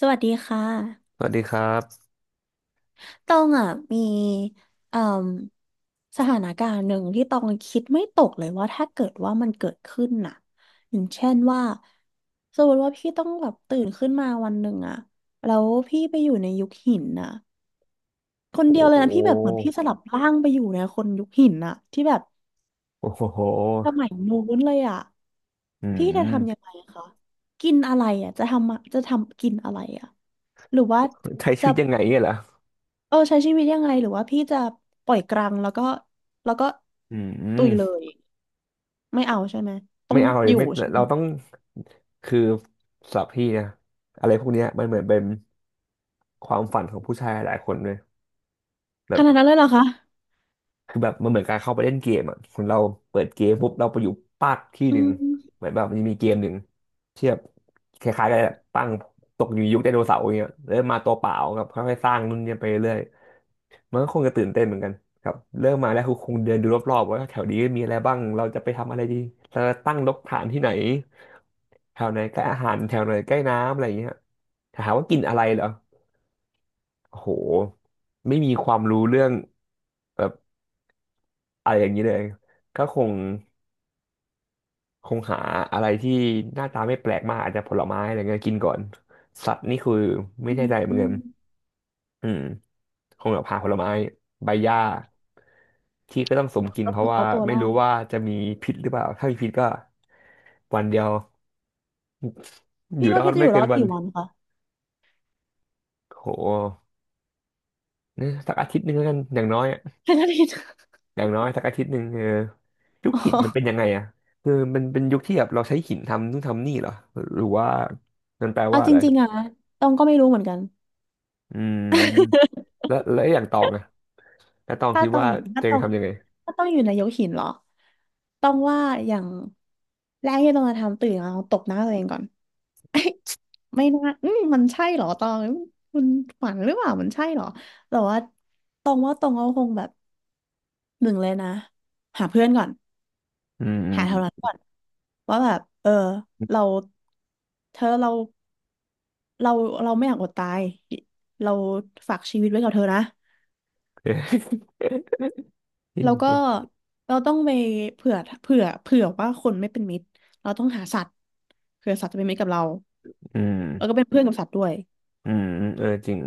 สวัสดีค่ะสวัสดีครับต้องอ่ะมีเอ่มสถานการณ์หนึ่งที่ต้องคิดไม่ตกเลยว่าถ้าเกิดว่ามันเกิดขึ้นน่ะอย่างเช่นว่าสมมติว่าพี่ต้องแบบตื่นขึ้นมาวันหนึ่งอ่ะแล้วพี่ไปอยู่ในยุคหินน่ะคนโอ้เดียวเลโยนะพี่แบบเหมือนหพี่สลับร่างไปอยู่ในคนยุคหินน่ะที่แบบโอ้โหสมัยนู้นเลยอ่ะอืพี่จะทำยังมไงคะกินอะไรอ่ะจะทำกินอะไรอ่ะหรือว่าใช้ชีจะ วิตยังไงเนี่ยเหรอเออใช้ชีวิตยังไงหรือว่าพี่จะปล่อยกลางแล้วก็แล้วก็อืตุยเลมยไม่เอาใช่ไหมต้อไม่งเอาเลอยยู่ไม่ใช่ไหมเราต้องคือสำหรับพี่นะอะไรพวกเนี้ยมันเหมือนเป็นความฝันของผู้ชายหลายคนเลยขแบบนาดนั้นเลยเหรอคะคือแบบมันเหมือนการเข้าไปเล่นเกมอ่ะคนเราเปิดเกมปุ๊บเราไปอยู่ปากที่หอืนึ่งมเหมือนแบบมันมีเกมหนึ่งที่แบบคล้ายๆกันแหละตั้งตกอยู่ยุคไดโนเสาร์อย่างเงี้ยแล้วมาตัวเปล่ากับค่อยๆสร้างนู่นเนี่ยไปเรื่อย มันก็คงจะตื่นเต้นเหมือนกันครับเริ่มมาแล้วคือคงเดินดูรอบๆว่าแถวนี้มีอะไรบ้าง เราจะไปทำอะไรดีเราจะตั้งรกฐานที่ไหนแถวไหนใกล้อาหารแถวไหนใกล้น้ำอะไรอย่างเงี้ยถามว่ากินอะไรเหรอโอ้โหไม่มีความรู้เรื่องแบบอะไรอย่างนี้เลย ก็คงคงหาอะไรที่หน้าตาไม่แปลกมากอาจจะผลไม้อะไรเงี้ยกินก่อน สัตว์นี่คือไม่อืแน่มใจเหมือือนกัมน อืมคงแบบหาผลไม้ใบหญ้าที่ก็ต้องสมกินก็เพคืราะอว่าเอาตัวรไม่อรู้ดว่าจะมีพิษหรือเปล่าถ้ามีพิษก็วันเดียวอพี่ยู่รว่าอดพี่จะอไม่ยู่เกิรอนดวันกี่วันคะโหเนี่ยสักอาทิตย์หนึ่งแล้วกันอย่างน้อยอะแค่นั้นเอง อย่างน้อยสักอาทิตย์หนึ่งเออยุคอ๋หินมันเป็นยัองไงอะคือมันเป็นยุคที่แบบเราใช้หินทำนู่นทำนี่เหรอหรือว่ามันแปลเอาว่าจอะไรริงๆอะตองก็ไม่รู้เหมือนกัน อืมแล้วแล้วไออย่างตองอะแล้วตอ งถ้าคิดตอว่างถ้าเจตงองทำยังไงถ้าต้องอยู่ในยกหินเหรอต้องว่าอย่างแรกที่ต้องจะทำตื่นมาองตบหน้าตัวเองก่อน เอ้ยไม่น่าอืมมันใช่เหรอตองคุณฝันหรือเปล่ามันใช่เหรอแต่ว่าตองว่าตองก็คงแบบหนึ่งเลยนะหาเพื่อนก่อนอืมอืม หาแถวนั้นก่อนว่าแบบเออเราเธอเราเราไม่อยากอดตายเราฝากชีวิตไว้กับเธอนะ แล้วก็เราต้องไปเผื่อเผื่อว่าคนไม่เป็นมิตรเราต้องหาสัตว์เผื่อสัตว์จะเป็นมิตรกับเราอืม แล้วก็เป็นเพื่อนกับสัตว์ด้วยอืมอืมเออจริง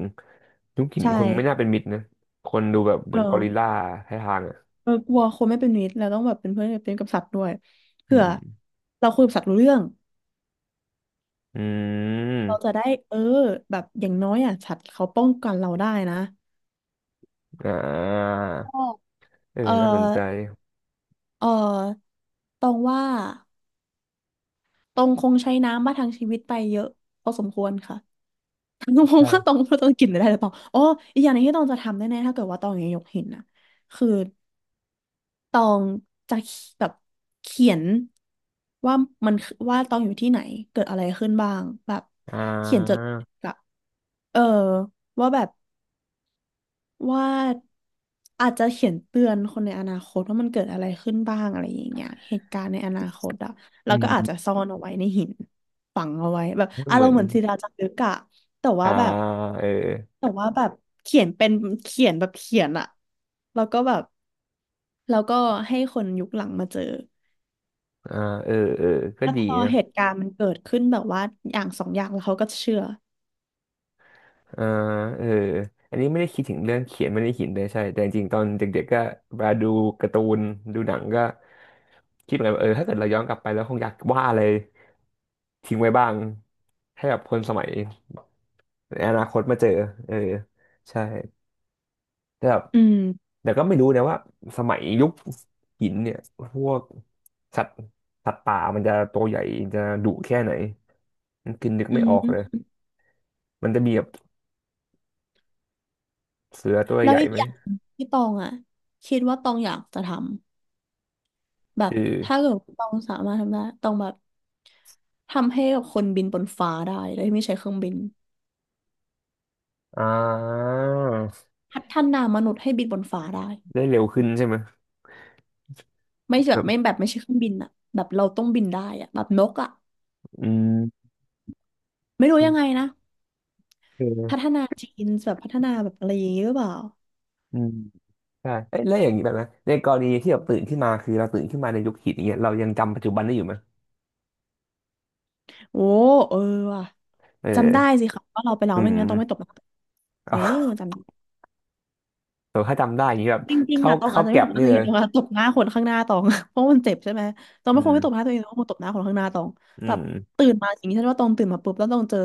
ยุคหินใช่คนไม่น่าเป็นมิตรนะคนดูแบบเหเอมือนกอริลลาอ ให้ทางอ่ะเออกลัวคนไม่เป็นมิตรเราต้องแบบเป็นเพื่อนเป็นกับสัตว์ด้วยอืเผื่อมเราคุยกับสัตว์รู้เรื่องอืเราจะมได้เออแบบอย่างน้อยอ่ะสัตว์เขาป้องกันเราได้นะอ่าเอเอออน่าสนใจเออตรงว่าตรงคงใช้น้ำมาทางชีวิตไปเยอะพอสมควรค่ะ ตรงว่าตรใช่งตรงกินได้หรือเปล่าอ๋ออีกอย่างหนึงที่ตองจะทำแน่ๆถ้าเกิดว่าตองยังยกหินนะคือ ตองจะแบบเขียนว่ามันคือว่าตองอยู่ที่ไหนเกิดอะไรขึ้นบ้างแบบอ่เขียนจดาแบบเออว่าแบบว่าอาจจะเขียนเตือนคนในอนาคตว่ามันเกิดอะไรขึ้นบ้างอะไรอย่างเงี้ยเหตุการณ์ในอนาคตอะแล้อืวก็อาจจะมซ่อนเอาไว้ในหินฝังเอาไว้แบบให้อาเหรมืมอณ์นเหมือนศิลาจารึกอะแต่อ่าว่าแบบเออแต่ว่าแบบเขียนเป็นเขียนแบบเขียนอะแล้วก็แบบแล้วก็ให้คนยุคหลังมาเจอ อ่าเออเออก็แล้วดีพอนะเหตุการณ์มันเกิดขึ้นแบบว่าอย่างสองอย่างแล้วเขาก็เชื่ออ่าเอออันนี้ไม่ได้คิดถึงเรื่องเขียนไม่ได้หินเลยใช่แต่จริงๆตอนเด็กๆก็เวลาดูการ์ตูนดูหนังก็คิดเหมือนกันว่าเออถ้าเกิดเราย้อนกลับไปแล้วคงอยากวาดอะไรทิ้งไว้บ้างให้แบบคนสมัย ในอนาคตมาเจอเออใช่แต่แบบอืมแต่ก็ไม่รู้นะว่าสมัยยุคหินเนี่ยพวกสัตว์สัตว์ป่ามันจะตัวใหญ่จะดุแค่ไหนมันคือนึกอืไม่ออกเลยมมันจะมีแบบเสือตัวแล้ใหวญ่อีกไหมอย่างที่ตองอ่ะคิดว่าตองอยากจะทำแบบคือถ้าเกิดตองสามารถทำได้ตองแบบทำให้กับคนบินบนฟ้าได้โดยไม่ใช้เครื่องบินอ่าพัฒนามนุษย์ให้บินบนฟ้าได้ได้เร็วขึ้นใช่ไหมไม่แบแบบไม่บแบบไม่ใช่เครื่องบินอ่ะแบบเราต้องบินได้อ่ะแบบนกอ่ะอืมไม่รู้ยังไงนะพัฒเออนาจีนแบบพัฒนาแบบอะไรอย่างงี้หรือเปล่าอืมใช่เอ้ยแล้วอย่างนี้แบบนะในกรณีที่แบบตื่นขึ้นมาคือเราตื่นขึ้นมาในยุคหินอย่างเงี้ยเรายังจำปัจจุบันได้อยู่ไหมโอ้เออว่ะเจำได้ออสิค่ะว่าเราไปแล้วอืไม่ม งั้นต้องไม่ตก เออ จแต่ถ้าจำได้อย่างนี้แบบำจริงๆเข้าอะตองอาเข้าจจะไม่แก็ตบบหน้านี่ตัวเลเองยตองอะตบหน้าคนข้างหน้าตอง เพราะมันเจ็บใช่ไหมตองอืไม่คงมไม่ตบหน้าตัวเองตองคงตบหน้าคนข้างหน้าตองอืแบบมตื่นมาอย่างนี้ฉันว่าตองตื่นมาปุ๊บแล้วตองเจอ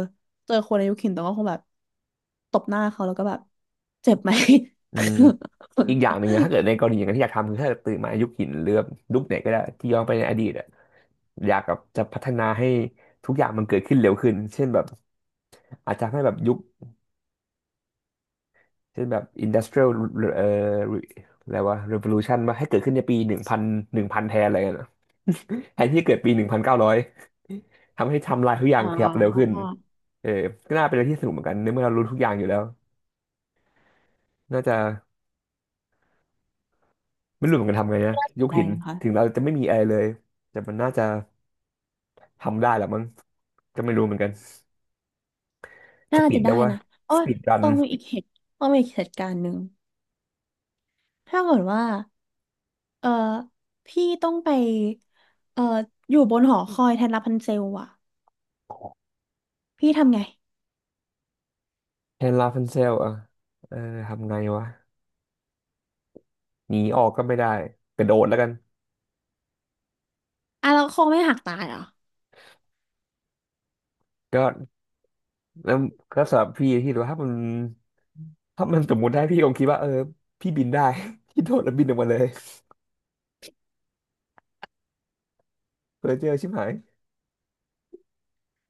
เจอคนอายุเข็นตองก็คงแบบตบหน้าเขาแล้วก็แบบเจ็บไหม อืมอีกอย่างหนึ่งนะถ้าเกิดในกรณีอย่างนั้นที่อยากทำคือถ้าเกิดตื่นมายุคหินหรือแบบยุคไหนก็ได้ที่ย้อนไปในอดีตอะอยากแบบจะพัฒนาให้ทุกอย่างมันเกิดขึ้นเร็วขึ้นเช่นแบบอาจจะให้แบบยุคเช่นแบบ industrial เอ่ออะไรวะ revolution มาให้เกิดขึ้นในปี1000หนึ่งพันแทนอะไรเงี้ยนะ แทนที่จะเกิดปี1900ทำให้ไทำลายทุกอ ย่าอ๋งอขยับเร็วขึ้นเออก็น่าเป็นอะไรที่สนุกเหมือนกันในเมื่อเรารู้ทุกอย่างอยู่แล้วน่าจะ ไม่รู้เหมือนกันทำไงนะยกได้หินนะคะถึงเราจะไม่มีอะไรเลยแต่มันน่าจะทำได้แหละมั้งก็ไม่รู้เหมือนกันสน่าปีจะดได้แล้วว่านะโอ้สยปีดรันต้องมีอีกเหตุต้องมีอีกเหตุการณ์หนึ่งถ้าเกิดว่าเออพี่ต้องไปเอออยู่บนหอคอยแทนรับพันเซลอะพี่ทำไง แฮนด์ลาฟันเซลอ่ะเออทำไงวะหนีออกก็ไม่ได้กระโดดแล้วกันอ่ะเราคงไม่หักตายเหรอก็แล้วก็สำหรับพี่ที่รูว่าถ้ามันถ้ามันสมมติได้พี่คงคิดว่าเออพี่บินได้ พี่โดดแล้วบินออกมาเลยเพอเจอชิบหาย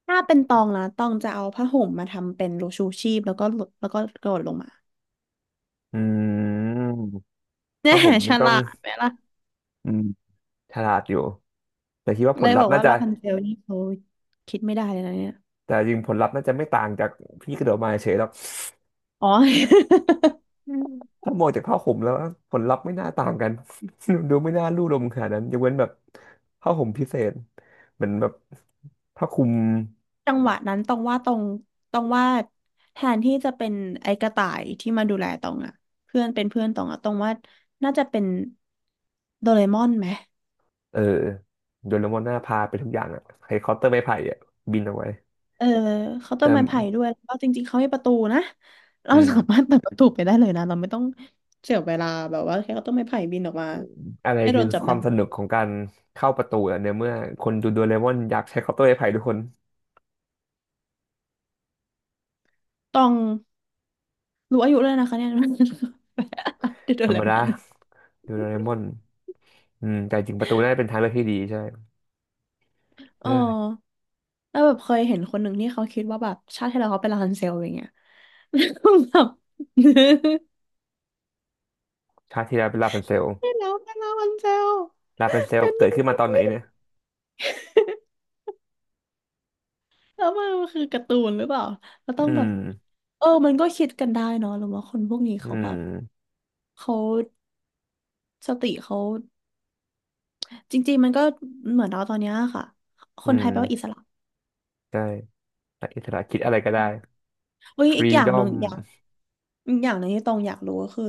ถ้าเป็นตองนะตองจะเอาผ้าห่มมาทำเป็นรูชูชีพแล้วก็หลดแล้วก็กระโดดลงมา อืมเนี่ถ้ายผมฉนี่ต้อลางดไหมล่ะอืมฉลาดอยู่แต่คิดว่าผเลลยลับพอธ์กน่าว่าจะลาพันเซลนี่เขาคิดไม่ได้เลยนะเนี่ยแต่จริงผลลัพธ์น่าจะไม่ต่างจากพี่กระโดดมาเฉยหรอก อ๋อ ถ้ามองจากผ้าห่มแล้วผลลัพธ์ไม่น่าต่างกัน ดูไม่น่าลู่ลมขนาดนั้นยกเว้นแบบผ้าห่มพิเศษเหมือนแบบผ้าคลุมจังหวะนั้นตองว่าตองตองว่าแทนที่จะเป็นไอ้กระต่ายที่มาดูแลตองอะเป็นเพื่อนตองอะตองว่าน่าจะเป็นโดเรมอนไหม เออโดเรมอนหน้าพาไปทุกอย่างอะไฮคอปเตอร์ไม้ไผ่อะบินเอาไว้เออเคาน์เตอแต่ร์ไม้ไผ่ด้วยแล้วก็จริงๆเขาให้ประตูนะเราอืสามามรถเปิดประตูไปได้เลยนะเราไม่ต้องเสียเวลาแบบว่าแค่เคาน์เตอร์ไม้ไผ่บินออกมาอะไรให้โดคือนจับควาได้มสนุกของการเข้าประตูอะเนี่ยเมื่อคนดูโดเรมอนอยากใช้คอปเตอร์ไม้ไผ่ทุกคนต้องรู้อายุเลยนะคะเนี่ย เดโดธรรเรมมดาอนดูโดเรมอนอืมแต่จริงประตูน่าจะเป็นทางเลือกที่ดีใช่เอเอออแล้วแบบเคยเห็นคนหนึ่งที่เขาคิดว่าแบบชาติที่แล้วเขาเป็นราพันเซลอย่างเงี้ย แล้วแบบ ชาติที่แล้วเป็นลาพันเซลที่แล้วเป็นราพันเซลลาพันเซลเป็นเกิยัดงขึ้นไง มาตอนไหนเนี่ยแล้วมันคือการ์ตูนหรือเปล่าเราต้อืองแบบม อมันก็คิดกันได้เนาะหรือว่าคนพวกนี้อืเขาแบบมเขาสติเขาจริงๆมันก็เหมือนเราตอนเนี้ยค่ะคอืนไทมยแปลว่าอิสระใช่อิสระคิดอะไรก็ได้เฮ้ยฟอีรีกอย่าดงอหนึ่งมอย่างอีกอย่างหนึ่งที่ตองอยากรู้ก็คือ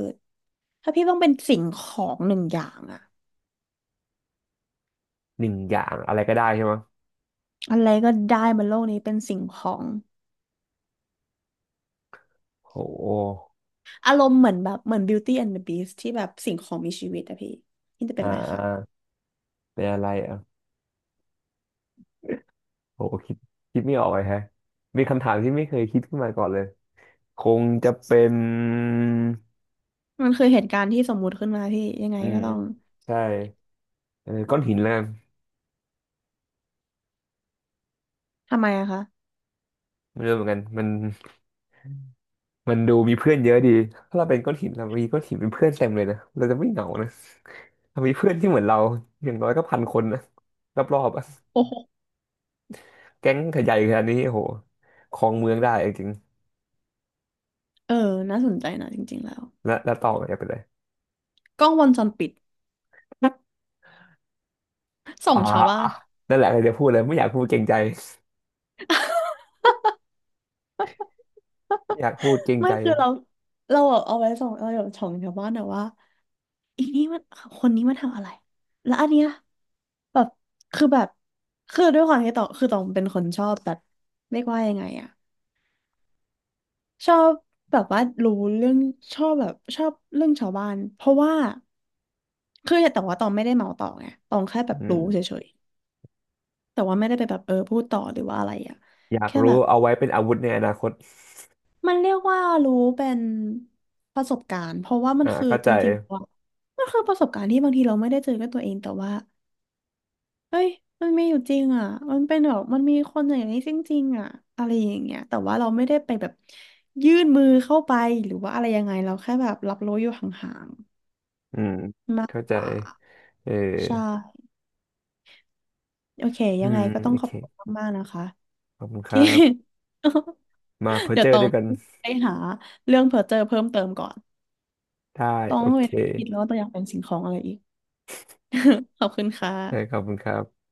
ถ้าพี่ต้องเป็นสิ่งของหนึ่งอย่างอะหนึ่งอย่างอะไรก็ได้ใช่ไหมอะไรก็ได้บนโลกนี้เป็นสิ่งของโหอารมณ์เหมือนแบบเหมือน Beauty and the Beast ที่แบบสิ่งของมีชีวิตอะพี่พี่จะเป็อ่านอะไรอ่าคะเป็นอะไรอ่ะโหคิดคิดไม่ออกเลยแฮะมีคำถามที่ไม่เคยคิดขึ้นมาก่อนเลยคงจะเป็นมันคือเหตุการณ์ที่สมมุติขึ้นมาพี่ยังไงอืก็มต้องใช่เออก้อนหินแล้วกันทำไมอะคะ ไม่รู้เหมือนกันมันมันดูมีเพื่อนเยอะดีถ้าเราเป็นก้อนหินเรามีก้อนหินเป็นเพื่อนเต็มเลยนะเราจะไม่เหงานะเรามีเพื่อนที่เหมือนเราอย่างน้อยก็1000 คนนะรอบๆอะ แก๊งขยายขนาดนี้โอ้โหครองเมืองได้จริงเออน่าสนใจนะจริงๆแล้วๆแล้วแล้วต่อจะไปเลยกล้องวงจรปิดส่ออ่างชาวบ้านนั่นแหละกจะพูดเลยไม่อยากพูดเกรงใจไม่อยากพูดเกรงไม่ใจคือเราเราแบบเอาไว้ส่องเราแบบส่องชาวบ้านอะว่าอีนี่มันคนนี้มันทำอะไรแล้วอันเนี้ยแบบคือแบบคือด้วยความที่ตองคือตองเป็นคนชอบแบบเรียกว่ายังไงอะชอบแบบว่ารู้เรื่องชอบแบบชอบเรื่องชาวบ้านเพราะว่าคือแต่ว่าตองไม่ได้เมาต่อไงตองแค่แบบอืรู้เฉมยๆแต่ว่าไม่ได้ไปแบบพูดต่อหรือว่าอะไรอะอยากแค่แบรู้บ เอาไว้เป็นอาวุธในอนาคตมันเรียกว่ารู้เป็นประสบการณ์เพราะว่ามันอ่าคือเข้าจใจริงๆว่ามันคือประสบการณ์ที่บางทีเราไม่ได้เจอกับตัวเองแต่ว่าเฮ้ยมันมีอยู่จริงอ่ะมันเป็นแบบมันมีคนอย่างนี้จริงๆอ่ะอะไรอย่างเงี้ยแต่ว่าเราไม่ได้ไปแบบยื่นมือเข้าไปหรือว่าอะไรยังไงเราแค่แบบรับรู้อยู่ห่างอืมๆมากเข้าใจกว่าเออใช่โอเคอืยังไงมก็ต้องโอขเคอบคุณมากๆนะคะขอบคุณครัที่ บ มาเพอเดี๋ยเจวอต้ร์อด้งวยกันไปหาเรื่องเพอเจอเพิ่มเติมก่อน ได้ต้อโองไปเคคิดแล้วว่าตัวอยากเป็นสิ่งของอะไรอีก ขอบคุณค่ะได้ขอบคุณครับ